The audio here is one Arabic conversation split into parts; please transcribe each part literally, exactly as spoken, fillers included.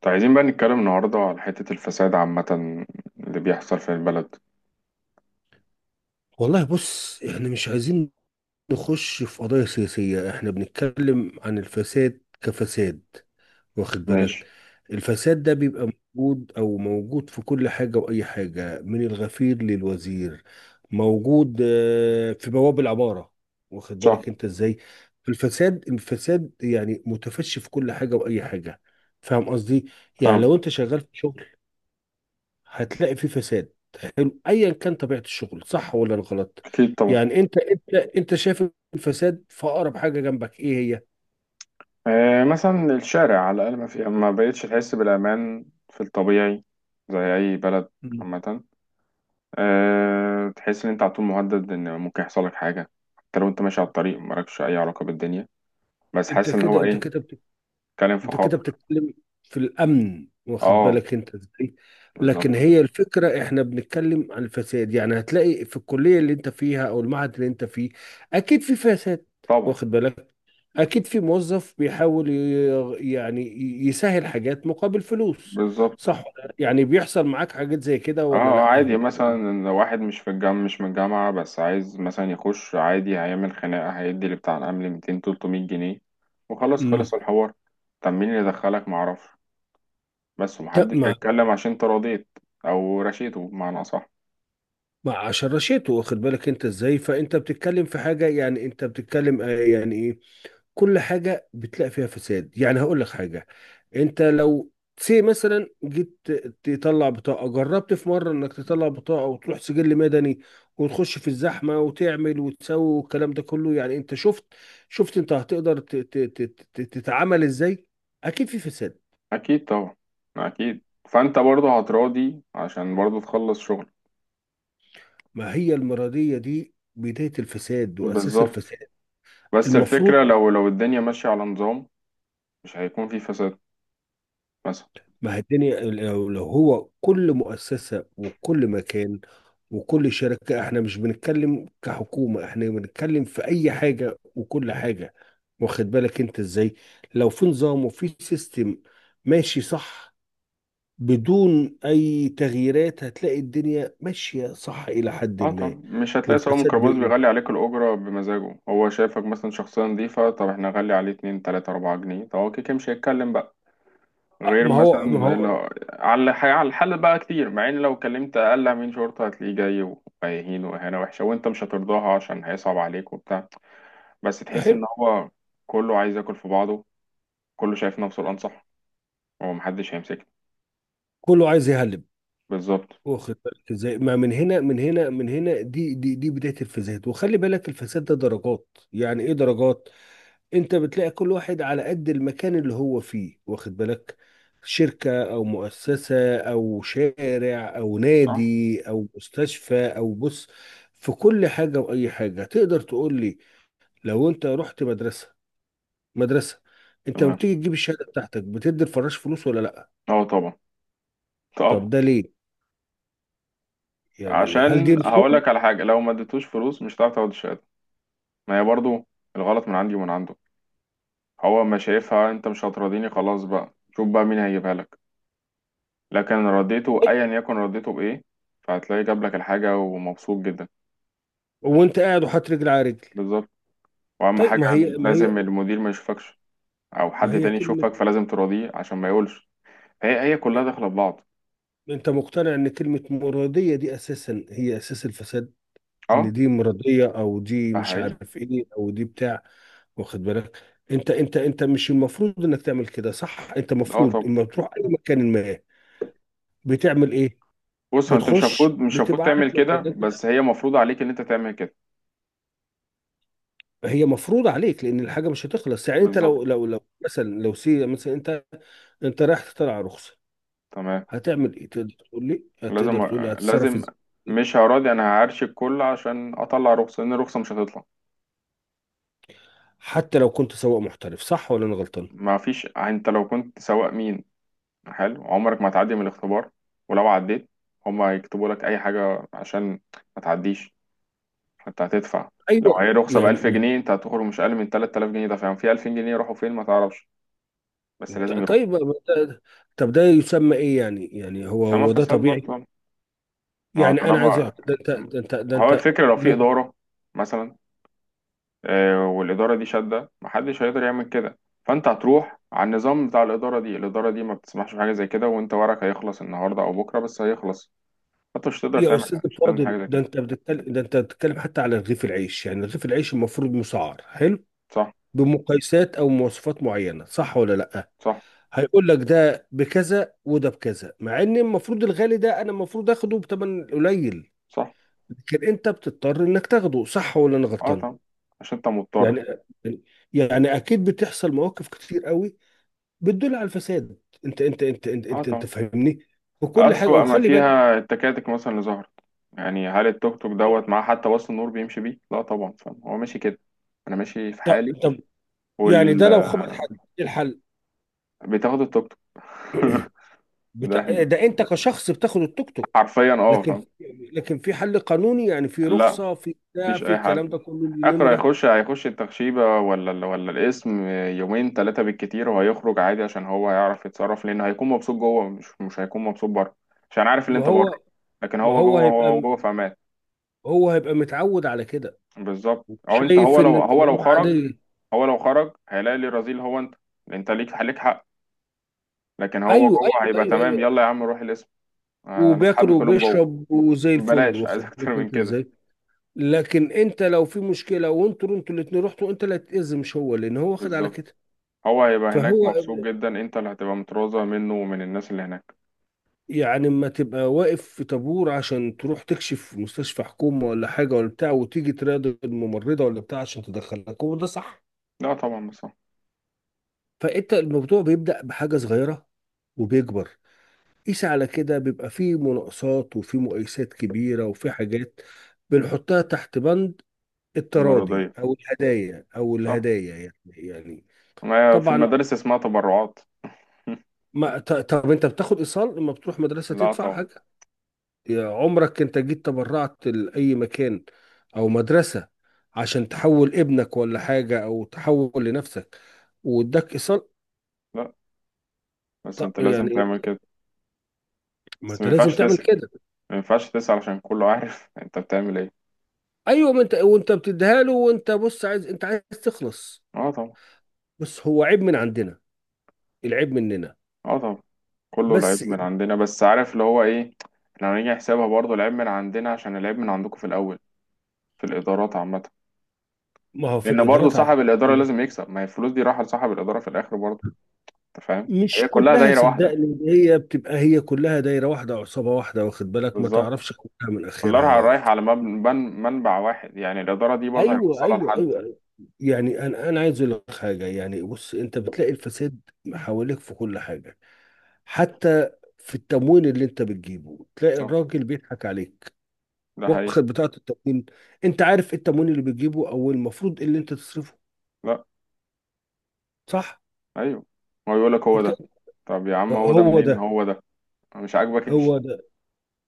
طيب عايزين بقى نتكلم النهاردة على حتة الفساد عامة اللي بيحصل في البلد. والله بص احنا مش عايزين نخش في قضايا سياسية. احنا بنتكلم عن الفساد كفساد، واخد بالك. ماشي. الفساد ده بيبقى موجود او موجود في كل حاجة واي حاجة، من الغفير للوزير. موجود آه، في بواب العمارة، واخد صح. بالك انت ازاي. الفساد الفساد يعني متفشي في كل حاجة واي حاجة، فاهم قصدي. يعني فاهم. لو انت شغال في شغل هتلاقي في فساد، حلو، ايا كان طبيعه الشغل، صح ولا غلط. أكيد طبعا. يعني انت انت انت شايف الفساد في اقرب حاجه جنبك ايه هي؟ آه، مثلا الشارع على الأقل ما في، ما بقتش تحس بالأمان في الطبيعي زي أي بلد مم. عامة. آه تحس إن أنت على طول مهدد إن ممكن يحصل لك حاجة، حتى لو أنت ماشي على الطريق مالكش أي علاقة بالدنيا، بس انت حاسس إن كده هو انت إيه، كده بيتكلم في انت كده خطر. بتتكلم في الامن، واخد أه، بالك انت ازاي. لكن بالظبط. هي الفكره، احنا بنتكلم عن الفساد. يعني هتلاقي في الكليه اللي انت فيها او المعهد اللي انت فيه اكيد في فساد، طبعا. واخد بالك. اكيد في موظف بيحاول ي- يعني يسهل حاجات مقابل فلوس. بالظبط. صح ولا لا؟ يعني بيحصل معاك حاجات زي كده ولا اه لا؟ عادي، هو مثلا لو واحد مش في الجامعة، مش من الجامعة، بس عايز مثلا يخش عادي، هيعمل خناقة هيدي لبتاع الأمن مئتين تلتمية جنيه وخلاص امم خلص الحوار. طب مين اللي دخلك معرفش، بس ومحدش مع هيتكلم عشان انت رضيت، أو رشيته بمعنى أصح. مع شرشته، واخد بالك انت ازاي. فانت بتتكلم في حاجه، يعني انت بتتكلم، آه، يعني ايه؟ كل حاجة بتلاقي فيها فساد. يعني هقول لك حاجة، انت لو سي مثلا جيت تطلع بطاقة. جربت في مرة انك تطلع بطاقة وتروح سجل مدني وتخش في الزحمة وتعمل وتسوي والكلام ده كله؟ يعني انت شفت شفت انت هتقدر ت- ت- ت- ت- تتعامل ازاي. اكيد في فساد. أكيد طبعا. أكيد، فأنت برضه هتراضي عشان برضه تخلص شغل. ما هي المرضية دي بداية الفساد واساس بالظبط. الفساد. بس المفروض الفكرة لو لو الدنيا ماشية على نظام مش هيكون في فساد مثلا. ما هي الدنيا، لو لو هو كل مؤسسة وكل مكان وكل شركة، احنا مش بنتكلم كحكومة، احنا بنتكلم في اي حاجة وكل حاجة، واخد بالك انت ازاي. لو في نظام وفي سيستم ماشي صح بدون اي تغييرات، هتلاقي الدنيا ماشية صح الى حد اه ما، طبعا، مش هتلاقي سواق والفساد ميكروباص بيقل. بيغلي عليك الأجرة بمزاجه، هو شايفك مثلا شخصية نظيفة، طب احنا نغلي عليه اتنين تلاتة أربعة جنيه، طب هو كده كده مش هيتكلم بقى. آه، غير ما هو ما مثلا اللي هو هو- على الح- على الحل بقى، كتير مع ان لو كلمت أقل أمين شرطة هتلاقيه جاي وهيهين، وإهانة وحشة وأنت مش هترضاها عشان هيصعب عليك وبتاع. بس تحس حلو. إن هو كله عايز ياكل في بعضه، كله شايف نفسه الأنصح، هو محدش هيمسكه. كله عايز يهلب، بالظبط. واخد بالك ازاي. ما من هنا من هنا من هنا، دي دي دي بدايه الفساد. وخلي بالك الفساد ده درجات، يعني ايه درجات؟ انت بتلاقي كل واحد على قد المكان اللي هو فيه، واخد بالك. شركه او مؤسسه او شارع او صح. نادي او مستشفى او بص، في كل حاجه واي حاجه. تقدر تقول لي، لو انت رحت مدرسه مدرسه، انت لما تمام. بتيجي تجيب الشهاده بتاعتك بتدي الفراش فلوس ولا لا؟ اه طبعا. طبعا. طب ده ليه؟ يعني هل دي عشان رسوم؟ هقول لك على حاجة، لو ما اديتوش فلوس مش هتعرف تاخد الشهادة، ما هي برضو الغلط من عندي ومن عنده. هو ما شايفها، انت مش هتراضيني، خلاص بقى شوف بقى مين هيجيبها لك، لكن رديته ايا يكن، رديته بايه، فهتلاقي جاب لك الحاجة ومبسوط جدا. وانت قاعد وحاطط رجل على رجل. بالظبط. واهم طيب، حاجة ما هي ما هي لازم المدير ما يشوفكش او ما حد هي تاني كلمة، يشوفك، فلازم تراضيه عشان ما يقولش. هي هي كلها داخلة في بعض. أنت مقتنع إن كلمة مرادية دي أساسا هي أساس الفساد؟ اه. إن دي مرادية أو دي ده مش حقيقي. عارف إيه أو دي بتاع، واخد بالك. أنت أنت أنت مش المفروض إنك تعمل كده، صح؟ أنت اه المفروض طبعا. إما بتروح أي مكان ما بتعمل إيه؟ بص انت مش المفروض بتخش مش المفروض بتبقى تعمل عارف كده، مكانك بتاع. بس هي مفروض عليك ان انت تعمل كده. هي مفروض عليك لأن الحاجة مش هتخلص. يعني أنت لو بالظبط. لو لو مثلا لو سي مثلا أنت، أنت رايح تطلع رخصة، تمام. هتعمل إيه؟ تقدر تقول لي؟ هتقدر لازم. تقول لي هتتصرف لازم. إزاي؟ مش هراضي، انا هعرش الكل عشان اطلع رخصه لان الرخصه مش هتطلع. حتى لو كنت سواق محترف، صح ولا انا غلطان؟ ما فيش، انت لو كنت سواق مين حلو، عمرك ما هتعدي من الاختبار، ولو عديت هما هيكتبوا لك اي حاجه عشان ما تعديش. انت هتدفع. ايوه، لو هي رخصه ب يعني 1000 يعني جنيه انت هتخرج مش اقل من تلات آلاف جنيه، ده فاهم في ألفين جنيه يروحوا فين ما تعرفش، بس ط- لازم طيب، يروحوا. ما ده-، طب ده يسمى ايه؟ يعني يعني هو عشان ما هو ده فساد طبيعي؟ برضه. ما هو يعني انا عايز طالما أعرف، ده انت ده انت ده هو انت الفكره لو في لو، اداره مثلا، آه، والإدارة دي شادة محدش هيقدر يعمل كده، فأنت هتروح على النظام بتاع الإدارة دي، الإدارة دي ما بتسمحش بحاجة زي كده، وأنت ورقك هيخلص النهاردة أو بكرة بس هيخلص، فأنت مش هتقدر يا تعمل استاذ حاجة، مش هتعمل حاجة الفاضل، زي ده كده. انت بتتكلم، ده انت بتتكلم حتى على رغيف العيش. يعني رغيف العيش المفروض مسعر، حلو، صح. بمقايسات او مواصفات معينه، صح ولا لا؟ صح. هيقول لك ده بكذا وده بكذا، مع ان المفروض الغالي ده انا المفروض اخده بثمن قليل. صح. لكن انت بتضطر انك تاخده، صح ولا انا أه غلطان؟ طبعا، عشان أنت مضطر. يعني يعني اكيد بتحصل مواقف كتير قوي بتدل على الفساد. انت انت انت انت أه انت, انت طبعا. فاهمني، وكل حاجه، أسوأ ما وخلي بالك. فيها التكاتك مثلا اللي ظهرت، يعني هل التوك توك دوت معاه حتى وصل النور بيمشي بيه؟ لا طبعا، فاهم هو ماشي كده، أنا ماشي في طب حالي. طب، يعني وال ده لو خبط آه، حد ايه الحل؟ بتاخد التوك توك ده بتا... ده انت كشخص بتاخد التوك توك. حرفيا أه، لكن فاهم. لكن في حل قانوني، يعني في لا رخصه، في بتاع، مفيش في أي حل، الكلام ده كله، ليه اخر نمره؟ هيخش هيخش التخشيبة ولا ال- ولا الاسم يومين ثلاثة بالكتير، وهيخرج عادي عشان هو هيعرف يتصرف، لأنه هيكون مبسوط جوه، مش مش هيكون مبسوط بره عشان عارف اللي ما انت بره، هو لكن ما هو هو جوه، هو هيبقى، هو جوه في امان. هو هيبقى متعود على كده، بالظبط. او انت، هو شايف ان لو، هو لو الامور خرج، عاديه. هو لو خرج هيلاقي اللي رذيل هو انت، انت ليك ليك حق، لكن هو ايوه جوه ايوه هيبقى ايوه تمام، ايوه، يلا يا عم روح الاسم، انا وبياكل اصحابي كلهم جوه، وبيشرب وزي الفل، بلاش عايز واخد اكتر بالك من انت كده. ازاي. لكن انت لو في مشكله وانتوا انتوا الاتنين رحتوا، انت اللي هتتاذي مش هو، لان هو واخد على بالظبط. كده. هو هيبقى هناك فهو مبسوط ال- جدا، انت اللي هتبقى متروضة منه ومن الناس اللي هناك. يعني ما تبقى واقف في طابور عشان تروح تكشف في مستشفى حكومه ولا حاجه ولا بتاع، وتيجي تراضي الممرضه ولا بتاع عشان تدخلك، هو ده صح؟ لا طبعا بصراحة. فانت الموضوع بيبدا بحاجه صغيره وبيكبر. قيس على كده، بيبقى فيه مناقصات وفيه مقايسات كبيره وفيه حاجات بنحطها تحت بند التراضي المرضية. او الهدايا او صح. الهدايا، يعني يعني. ما هي في طبعا. المدارس اسمها تبرعات. ما ط- طب انت بتاخد ايصال لما بتروح مدرسه لا تدفع طبعا. حاجه؟ يا عمرك انت جيت تبرعت لاي مكان او مدرسه عشان تحول ابنك ولا حاجه او تحول لنفسك، واداك ايصال؟ لا بس طب انت لازم يعني، تعمل كده، ما بس ما انت لازم ينفعش تعمل تسأل، كده. ما ينفعش تسأل عشان كله عارف انت بتعمل ايه. ايوه، ما انت وانت بتديها له وانت بص عايز، انت عايز تخلص. اه طبعا. بس هو عيب من عندنا، العيب مننا. اه طبعا. كله العيب بس من عندنا، بس عارف اللي هو ايه، لو نيجي نحسبها برضه العيب من عندنا عشان العيب من عندكم في الاول، في الادارات عامة. ما هو في لان برضه الادارات عامة. صاحب الادارة لازم يكسب، ما هي الفلوس دي رايحة لصاحب الادارة في الاخر برضه، انت فاهم، مش هي كلها كلها دايرة واحدة. صدقني، هي بتبقى، هي كلها دايره واحده، عصابه واحده، واخد بالك، ما بالظبط. تعرفش كلها من كلها رايحة اخرها. رايحة على مبن- من- منبع واحد، يعني الادارة دي برضه ايوه هيوصلها ايوه لحد. ايوه أيوة. يعني انا انا عايز اقول لك حاجه، يعني بص، انت بتلاقي الفساد حواليك في كل حاجه، حتى في التموين اللي انت بتجيبه تلاقي صح. الراجل بيضحك عليك، ده حقيقي. واخد بتاعه التموين. انت عارف إيه التموين اللي بتجيبه، او المفروض إيه اللي انت تصرفه؟ لا. صح. ايوه. هو يقول لك هو انت، ده، طب يا عم هو ده هو منين، ده هو ده مش عاجبك هو امشي، ده.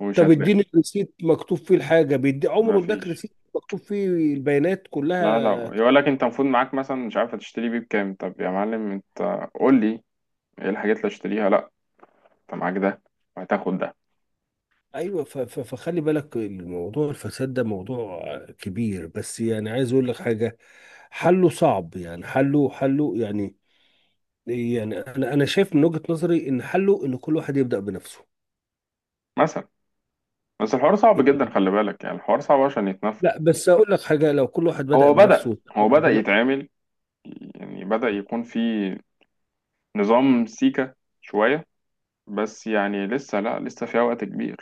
ومش طب هتلاقي. اديني الريسيت مكتوب فيه الحاجه، بيدي؟ ما عمره اداك فيش. ريسيت مكتوب فيه البيانات لا لا، كلها؟ يقول لك انت المفروض معاك مثلا، مش عارف هتشتري بيه بكام، طب يا معلم انت قول لي ايه الحاجات اللي هشتريها، لا انت معاك ده وهتاخد ده. ايوه، ف- ف- فخلي بالك الموضوع الفساد ده موضوع كبير، بس يعني عايز اقول لك حاجه، حله صعب. يعني حله، حله يعني يعني انا انا شايف من وجهه نظري ان حله ان كل واحد يبدا بنفسه. مثلا. بس الحوار صعب جدا، يعني خلي بالك يعني الحوار صعب عشان يتنفذ. لا، بس اقول لك حاجه، لو كل واحد بدا هو بنفسه بدأ واتقى هو بدأ ربنا. يتعمل، يعني بدأ يكون في نظام سيكة شوية، بس يعني لسه، لا لسه فيها وقت كبير.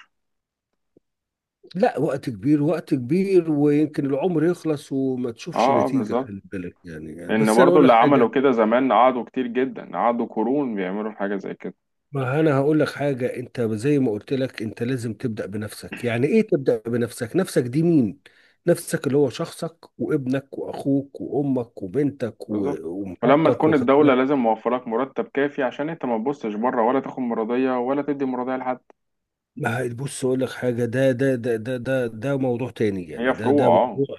لا، وقت كبير، وقت كبير، ويمكن العمر يخلص وما اه، تشوفش آه، نتيجه، بالظبط، خلي بالك يعني. لان بس انا برضو اقول اللي لك عملوا حاجه، كده زمان قعدوا كتير جدا، قعدوا قرون بيعملوا حاجه زي كده. ما انا هقول لك حاجه، انت زي ما قلت لك، انت لازم تبدا بنفسك. يعني ايه تبدا بنفسك؟ نفسك دي مين؟ نفسك اللي هو شخصك وابنك واخوك وامك وبنتك بالظبط. و- ولما ومراتك، تكون واخد الدوله بالك؟ لازم موفرك مرتب كافي عشان انت ما تبصش بره، ولا تاخد مرضيه ولا تدي مرضيه لحد. ما هي-، بص اقول لك حاجه، ده ده ده ده ده ده موضوع تاني، يعني هي ده فروع ده اه. موضوع،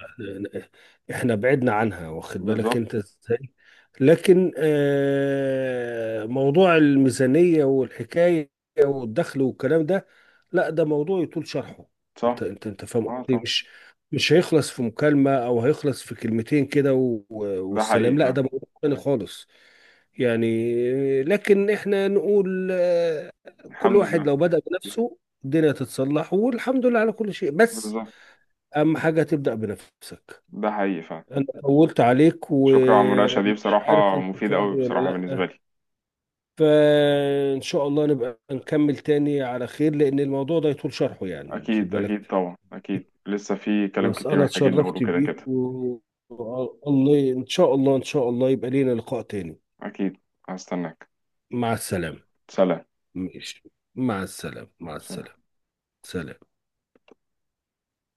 آه، احنا بعدنا عنها، واخد بالك بالظبط. انت ازاي. لكن آه، موضوع الميزانيه والحكايه والدخل والكلام ده، لا ده موضوع يطول شرحه. صح. انت انت انت فاهم اه قصدي، طبعا. مش مش هيخلص في مكالمه او هيخلص في كلمتين كده و- ده حقيقي والسلام. لا ده فعلا. موضوع تاني خالص يعني. لكن احنا نقول آه، كل الحمد واحد لله. لو بدأ بنفسه الدنيا تتصلح، والحمد لله على كل شيء. بس بالظبط. اهم حاجه تبدا بنفسك. ده حقيقي فعلا. انا طولت عليك، شكرا على المناقشه دي، ومش عارف بصراحه انت مفيده فاضي قوي ولا بصراحه بالنسبه لا. لي. فان شاء الله نبقى نكمل تاني على خير، لان الموضوع ده يطول شرحه، يعني خد اكيد. بالك. اكيد طبعا، اكيد لسه في كلام بس كتير انا محتاجين نقوله اتشرفت كده بيك كده. و... و- الله ان شاء الله، ان شاء الله يبقى لينا لقاء تاني. اكيد. هستناك. مع السلامه. سلام. ماشي، مع السلامه، مع سلام. السلامه. سلام.